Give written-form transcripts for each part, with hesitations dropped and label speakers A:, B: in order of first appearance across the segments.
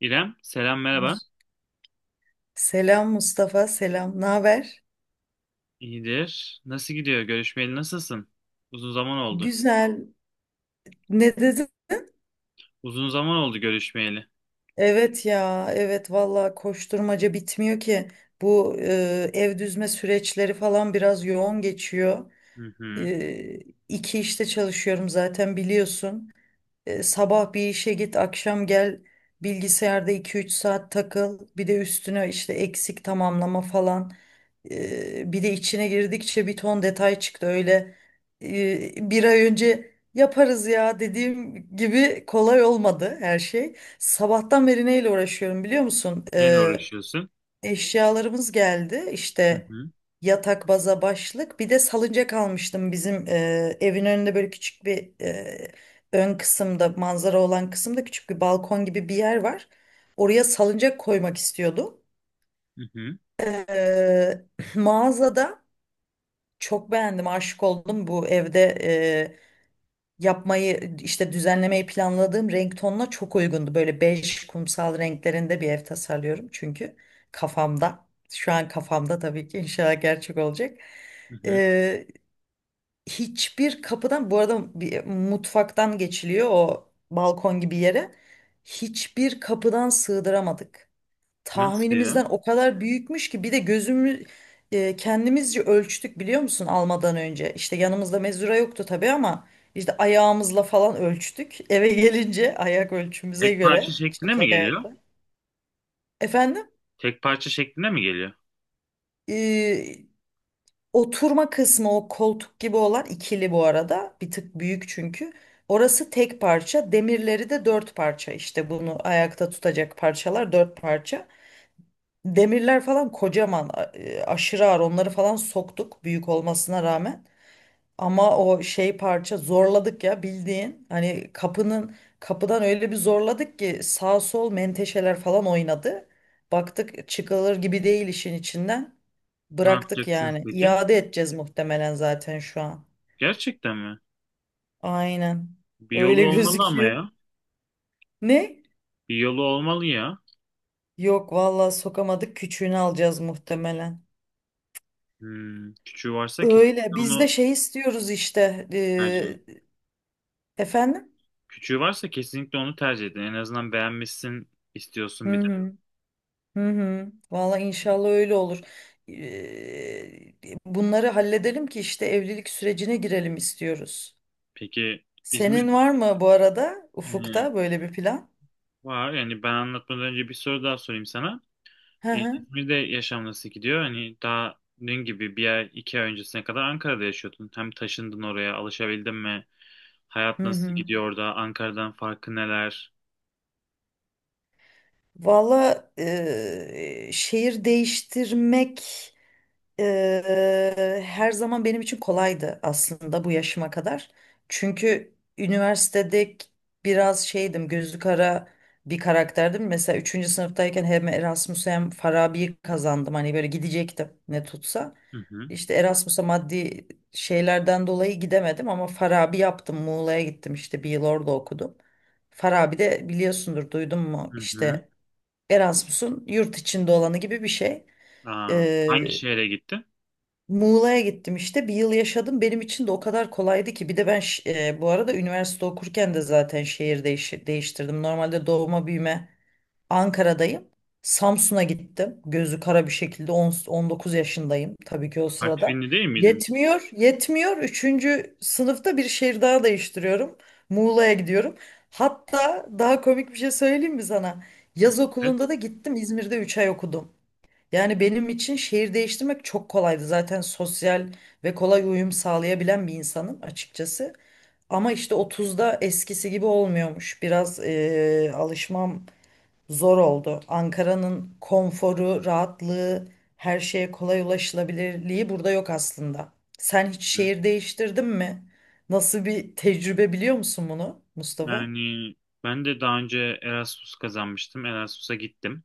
A: İrem, selam merhaba.
B: Mus- Selam Mustafa, selam. Ne haber?
A: İyidir. Nasıl gidiyor? Görüşmeyeli nasılsın? Uzun zaman oldu.
B: Güzel. Ne dedin?
A: Uzun zaman oldu görüşmeyeli.
B: Evet ya, evet valla koşturmaca bitmiyor ki. Bu ev düzme süreçleri falan biraz yoğun geçiyor.
A: Hı hı.
B: E, iki işte çalışıyorum zaten biliyorsun. Sabah bir işe git, akşam gel. Bilgisayarda iki üç saat takıl. Bir de üstüne işte eksik tamamlama falan. Bir de içine girdikçe bir ton detay çıktı öyle bir ay önce yaparız ya dediğim gibi kolay olmadı her şey. Sabahtan beri neyle uğraşıyorum biliyor musun?
A: Neyle uğraşıyorsun?
B: Eşyalarımız geldi
A: Hı
B: işte
A: hı.
B: yatak baza başlık bir de salıncak almıştım bizim evin önünde böyle küçük bir ön kısımda manzara olan kısımda küçük bir balkon gibi bir yer var. Oraya salıncak koymak istiyordum.
A: Hı hı.
B: Ee, Mağazada çok beğendim, aşık oldum. Bu evde yapmayı işte düzenlemeyi planladığım renk tonuna çok uygundu. Böyle bej kumsal renklerinde bir ev tasarlıyorum çünkü kafamda. Şu an kafamda tabii ki inşallah gerçek olacak.
A: Hı hı.
B: E, Hiçbir kapıdan bu arada bir mutfaktan geçiliyor o balkon gibi yere. Hiçbir kapıdan sığdıramadık
A: Nasıl ya?
B: tahminimizden o kadar büyükmüş ki bir de gözümü kendimizce ölçtük biliyor musun almadan önce. İşte yanımızda mezura yoktu tabii ama işte ayağımızla falan ölçtük. Eve gelince ayak ölçümüze
A: Tek parça
B: göre
A: şeklinde mi
B: çıplak
A: geliyor?
B: ayakla. Efendim
A: Tek parça şeklinde mi geliyor?
B: e, oturma kısmı o koltuk gibi olan ikili bu arada bir tık büyük çünkü. Orası tek parça demirleri de dört parça işte bunu ayakta tutacak parçalar dört parça. Demirler falan kocaman, aşırı ağır. Onları falan soktuk büyük olmasına rağmen. Ama o şey parça zorladık ya bildiğin. Hani kapının kapıdan öyle bir zorladık ki sağ sol menteşeler falan oynadı. Baktık çıkılır gibi değil işin içinden.
A: Ne
B: Bıraktık
A: yapacaksınız
B: yani.
A: peki?
B: İade edeceğiz muhtemelen zaten şu an.
A: Gerçekten mi?
B: Aynen.
A: Bir
B: Öyle
A: yolu olmalı ama
B: gözüküyor.
A: ya.
B: Ne?
A: Bir yolu olmalı ya.
B: Yok vallahi sokamadık. Küçüğünü alacağız muhtemelen.
A: Hmm. Küçüğü varsa
B: Öyle
A: kesinlikle
B: biz de
A: onu
B: şey istiyoruz işte.
A: tercih edin.
B: Efendim?
A: Küçüğü varsa kesinlikle onu tercih edin. En azından beğenmişsin
B: Hı
A: istiyorsun bir de.
B: hı. Hı hı. Valla inşallah öyle olur. Eee, Bunları halledelim ki işte evlilik sürecine girelim istiyoruz.
A: Peki İzmir,
B: Senin var mı bu arada
A: ee,
B: ufukta böyle bir plan?
A: var yani ben anlatmadan önce bir soru daha sorayım sana.
B: Hı hı.
A: İzmir'de yaşam nasıl gidiyor? Hani daha dün gibi bir ay iki ay öncesine kadar Ankara'da yaşıyordun. Hem taşındın oraya alışabildin mi? Hayat
B: Hı
A: nasıl
B: hı.
A: gidiyor orada? Ankara'dan farkı neler?
B: Valla şehir değiştirmek her zaman benim için kolaydı aslında bu yaşıma kadar. Çünkü üniversitede biraz şeydim, gözü kara bir karakterdim. Mesela üçüncü sınıftayken hem Erasmus hem Farabi'yi kazandım. Hani böyle gidecektim ne tutsa.
A: Hı hı.
B: İşte Erasmus'a maddi şeylerden dolayı gidemedim ama Farabi yaptım. Muğla'ya gittim işte bir yıl orada okudum. Farabi de biliyorsundur duydun mu
A: Hı hı.
B: işte Erasmus'un yurt içinde olanı gibi bir şey.
A: Aa, hangi şehre gittin?
B: Muğla'ya gittim işte bir yıl yaşadım benim için de o kadar kolaydı ki bir de ben bu arada üniversite okurken de zaten şehir değiştirdim normalde doğma büyüme Ankara'dayım, Samsun'a gittim gözü kara bir şekilde 19 yaşındayım tabii ki o sırada
A: Artvinli değil miydin?
B: yetmiyor yetmiyor üçüncü sınıfta bir şehir daha değiştiriyorum Muğla'ya gidiyorum hatta daha komik bir şey söyleyeyim mi sana yaz
A: Evet.
B: okulunda da gittim İzmir'de 3 ay okudum. Yani benim için şehir değiştirmek çok kolaydı. Zaten sosyal ve kolay uyum sağlayabilen bir insanım açıkçası. Ama işte 30'da eskisi gibi olmuyormuş. Biraz alışmam zor oldu. Ankara'nın konforu, rahatlığı, her şeye kolay ulaşılabilirliği burada yok aslında. Sen hiç
A: Hı.
B: şehir değiştirdin mi? Nasıl bir tecrübe biliyor musun bunu Mustafa?
A: Yani ben de daha önce Erasmus kazanmıştım. Erasmus'a gittim.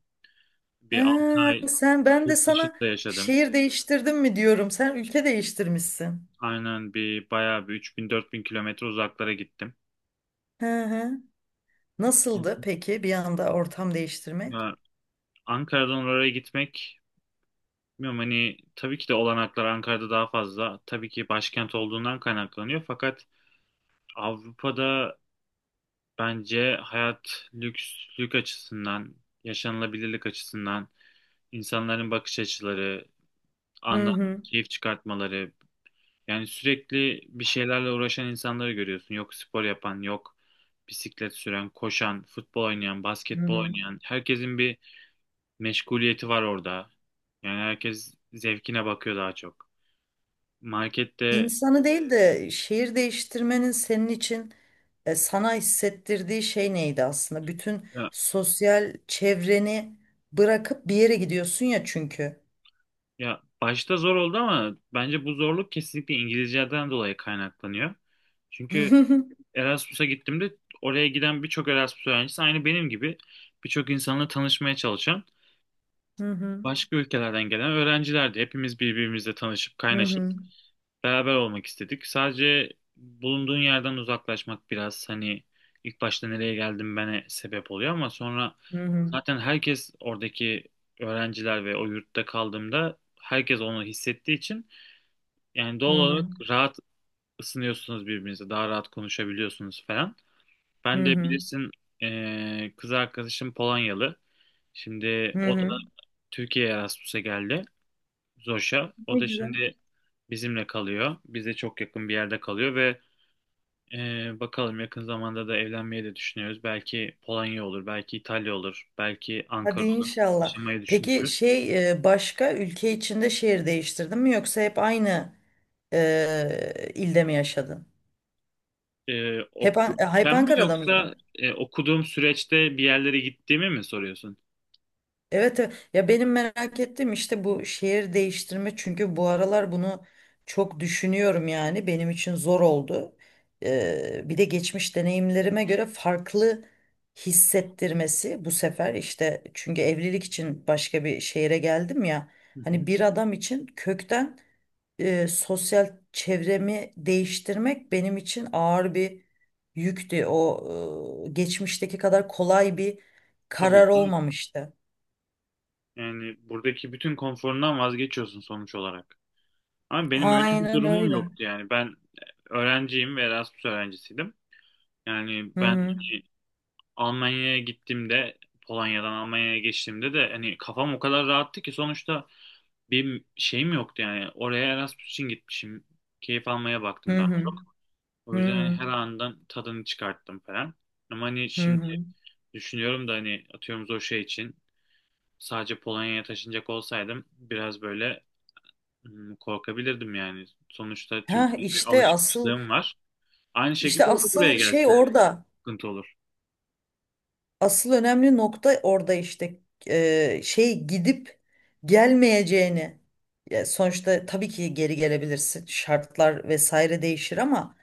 A: Bir 6
B: Ha,
A: ay
B: sen ben de
A: yurt
B: sana
A: dışında yaşadım.
B: şehir değiştirdim mi diyorum. Sen ülke değiştirmişsin.
A: Aynen, bir bayağı bir 3000-4000 kilometre uzaklara gittim.
B: Hı hı. Nasıldı peki bir anda ortam değiştirmek?
A: Ya, Ankara'dan oraya gitmek bilmiyorum hani tabii ki de olanaklar Ankara'da daha fazla. Tabii ki başkent olduğundan kaynaklanıyor. Fakat Avrupa'da bence hayat lükslük açısından, yaşanılabilirlik açısından, insanların bakış açıları,
B: Hı
A: andan
B: hı.
A: keyif çıkartmaları. Yani sürekli bir şeylerle uğraşan insanları görüyorsun. Yok spor yapan, yok bisiklet süren, koşan, futbol oynayan,
B: Hı
A: basketbol
B: hı.
A: oynayan. Herkesin bir meşguliyeti var orada. Yani herkes zevkine bakıyor daha çok. Markette
B: İnsanı değil de şehir değiştirmenin senin için sana hissettirdiği şey neydi aslında? Bütün
A: ya,
B: sosyal çevreni bırakıp bir yere gidiyorsun ya çünkü.
A: ya başta zor oldu ama bence bu zorluk kesinlikle İngilizceden dolayı kaynaklanıyor. Çünkü
B: Hı
A: Erasmus'a gittiğimde oraya giden birçok Erasmus öğrencisi aynı benim gibi birçok insanla tanışmaya çalışan
B: hı.
A: başka ülkelerden gelen öğrencilerdi. Hepimiz birbirimizle tanışıp
B: Hı
A: kaynaşıp
B: hı.
A: beraber olmak istedik. Sadece bulunduğun yerden uzaklaşmak biraz hani ilk başta nereye geldim bana sebep oluyor ama sonra
B: Hı hı.
A: zaten herkes oradaki öğrenciler ve o yurtta kaldığımda herkes onu hissettiği için yani doğal
B: Hı
A: olarak
B: hı.
A: rahat ısınıyorsunuz birbirinize, daha rahat konuşabiliyorsunuz falan.
B: Hı
A: Ben
B: hı.
A: de
B: Hı hı.
A: bilirsin kız arkadaşım Polonyalı. Şimdi o da Türkiye'ye Erasmus'a geldi. Zoş'a. O
B: Ne
A: da
B: güzel.
A: şimdi bizimle kalıyor. Bize çok yakın bir yerde kalıyor ve bakalım yakın zamanda da evlenmeyi de düşünüyoruz. Belki Polonya olur, belki İtalya olur, belki
B: Hadi
A: Ankara olur.
B: inşallah.
A: Yaşamayı
B: Peki
A: düşünüyoruz.
B: şey başka ülke içinde şehir değiştirdin mi yoksa hep aynı ilde mi yaşadın? Hep
A: Okurken mi
B: Ankara'da
A: yoksa
B: mıydın?
A: okuduğum süreçte bir yerlere gittiğimi mi soruyorsun?
B: Evet, evet. Ya benim merak ettiğim işte bu şehir değiştirme çünkü bu aralar bunu çok düşünüyorum yani benim için zor oldu. Bir de geçmiş deneyimlerime göre farklı hissettirmesi bu sefer işte çünkü evlilik için başka bir şehre geldim ya
A: Hı hı.
B: hani bir adam için kökten sosyal çevremi değiştirmek benim için ağır bir yüktü. O geçmişteki kadar kolay bir
A: Tabii
B: karar
A: ki.
B: olmamıştı.
A: Yani buradaki bütün konforundan vazgeçiyorsun sonuç olarak. Ama benim öyle bir
B: Aynen
A: durumum
B: öyle.
A: yoktu yani. Ben öğrenciyim ve Erasmus öğrencisiydim. Yani ben
B: Hı
A: hani, Almanya'ya gittiğimde Polonya'dan Almanya'ya geçtiğimde de hani kafam o kadar rahattı ki sonuçta bir şeyim yoktu yani. Oraya Erasmus için gitmişim. Keyif almaya
B: hı
A: baktım daha
B: hı
A: çok. O
B: hı hı
A: yüzden hani
B: hı.
A: her andan tadını çıkarttım falan. Ama hani
B: Hı.
A: şimdi
B: Hı.
A: düşünüyorum da hani atıyorum o şey için sadece Polonya'ya taşınacak olsaydım biraz böyle, hmm, korkabilirdim yani. Sonuçta
B: Ha
A: Türkiye'ye bir
B: işte asıl
A: alışmışlığım var. Aynı
B: işte
A: şekilde o da buraya
B: asıl şey
A: gelse
B: orada.
A: sıkıntı olur.
B: Asıl önemli nokta orada işte. Şey gidip gelmeyeceğini. Ya sonuçta tabii ki geri gelebilirsin. Şartlar vesaire değişir ama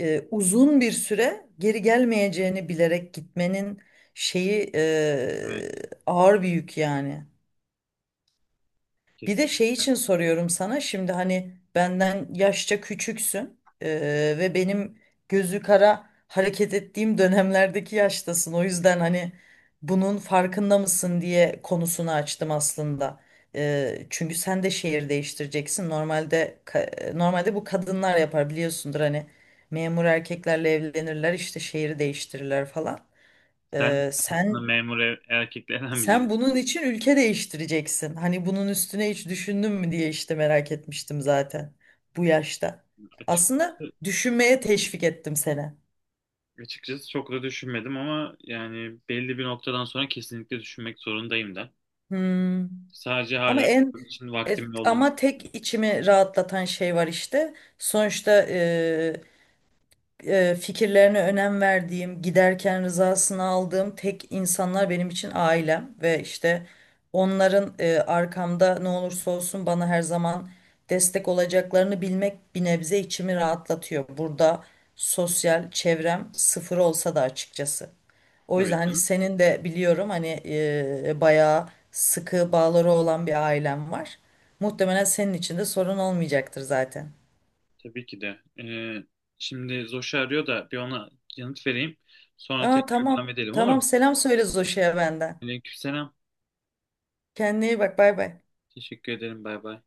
B: uzun bir süre geri gelmeyeceğini bilerek gitmenin şeyi
A: Evet,
B: ağır bir yük yani. Bir
A: kesin.
B: de şey için soruyorum sana şimdi hani benden yaşça küçüksün ve benim gözü kara hareket ettiğim dönemlerdeki yaştasın. O yüzden hani bunun farkında mısın diye konusunu açtım aslında. Çünkü sen de şehir değiştireceksin. Normalde normalde bu kadınlar yapar biliyorsundur hani memur erkeklerle evlenirler işte şehri değiştirirler falan.
A: Sen
B: Eee,
A: aslında
B: sen
A: memur erkeklerden
B: sen
A: biri
B: bunun için ülke değiştireceksin. Hani bunun üstüne hiç düşündün mü diye işte merak etmiştim zaten bu yaşta. Aslında
A: açıkçası.
B: düşünmeye teşvik ettim seni.
A: Açıkçası çok da düşünmedim ama yani belli bir noktadan sonra kesinlikle düşünmek zorundayım da.
B: Hmm.
A: Sadece
B: Ama
A: hala
B: en
A: şu an için
B: e,
A: vaktimin olduğunu
B: ama tek içimi rahatlatan şey var işte. Sonuçta fikirlerine önem verdiğim, giderken rızasını aldığım tek insanlar benim için ailem ve işte onların arkamda ne olursa olsun bana her zaman destek olacaklarını bilmek bir nebze içimi rahatlatıyor. Burada sosyal çevrem sıfır olsa da açıkçası. O yüzden
A: tabii
B: hani
A: canım.
B: senin de biliyorum hani bayağı sıkı bağları olan bir ailen var. Muhtemelen senin için de sorun olmayacaktır zaten.
A: Tabii ki de. Şimdi Zoş'u arıyor da bir ona yanıt vereyim. Sonra
B: Aa
A: tekrar devam
B: tamam.
A: edelim olur
B: Tamam
A: mu?
B: selam söyle Zoş'a benden.
A: Aleykümselam.
B: Kendine iyi bak bay bay.
A: Teşekkür ederim. Bay bay.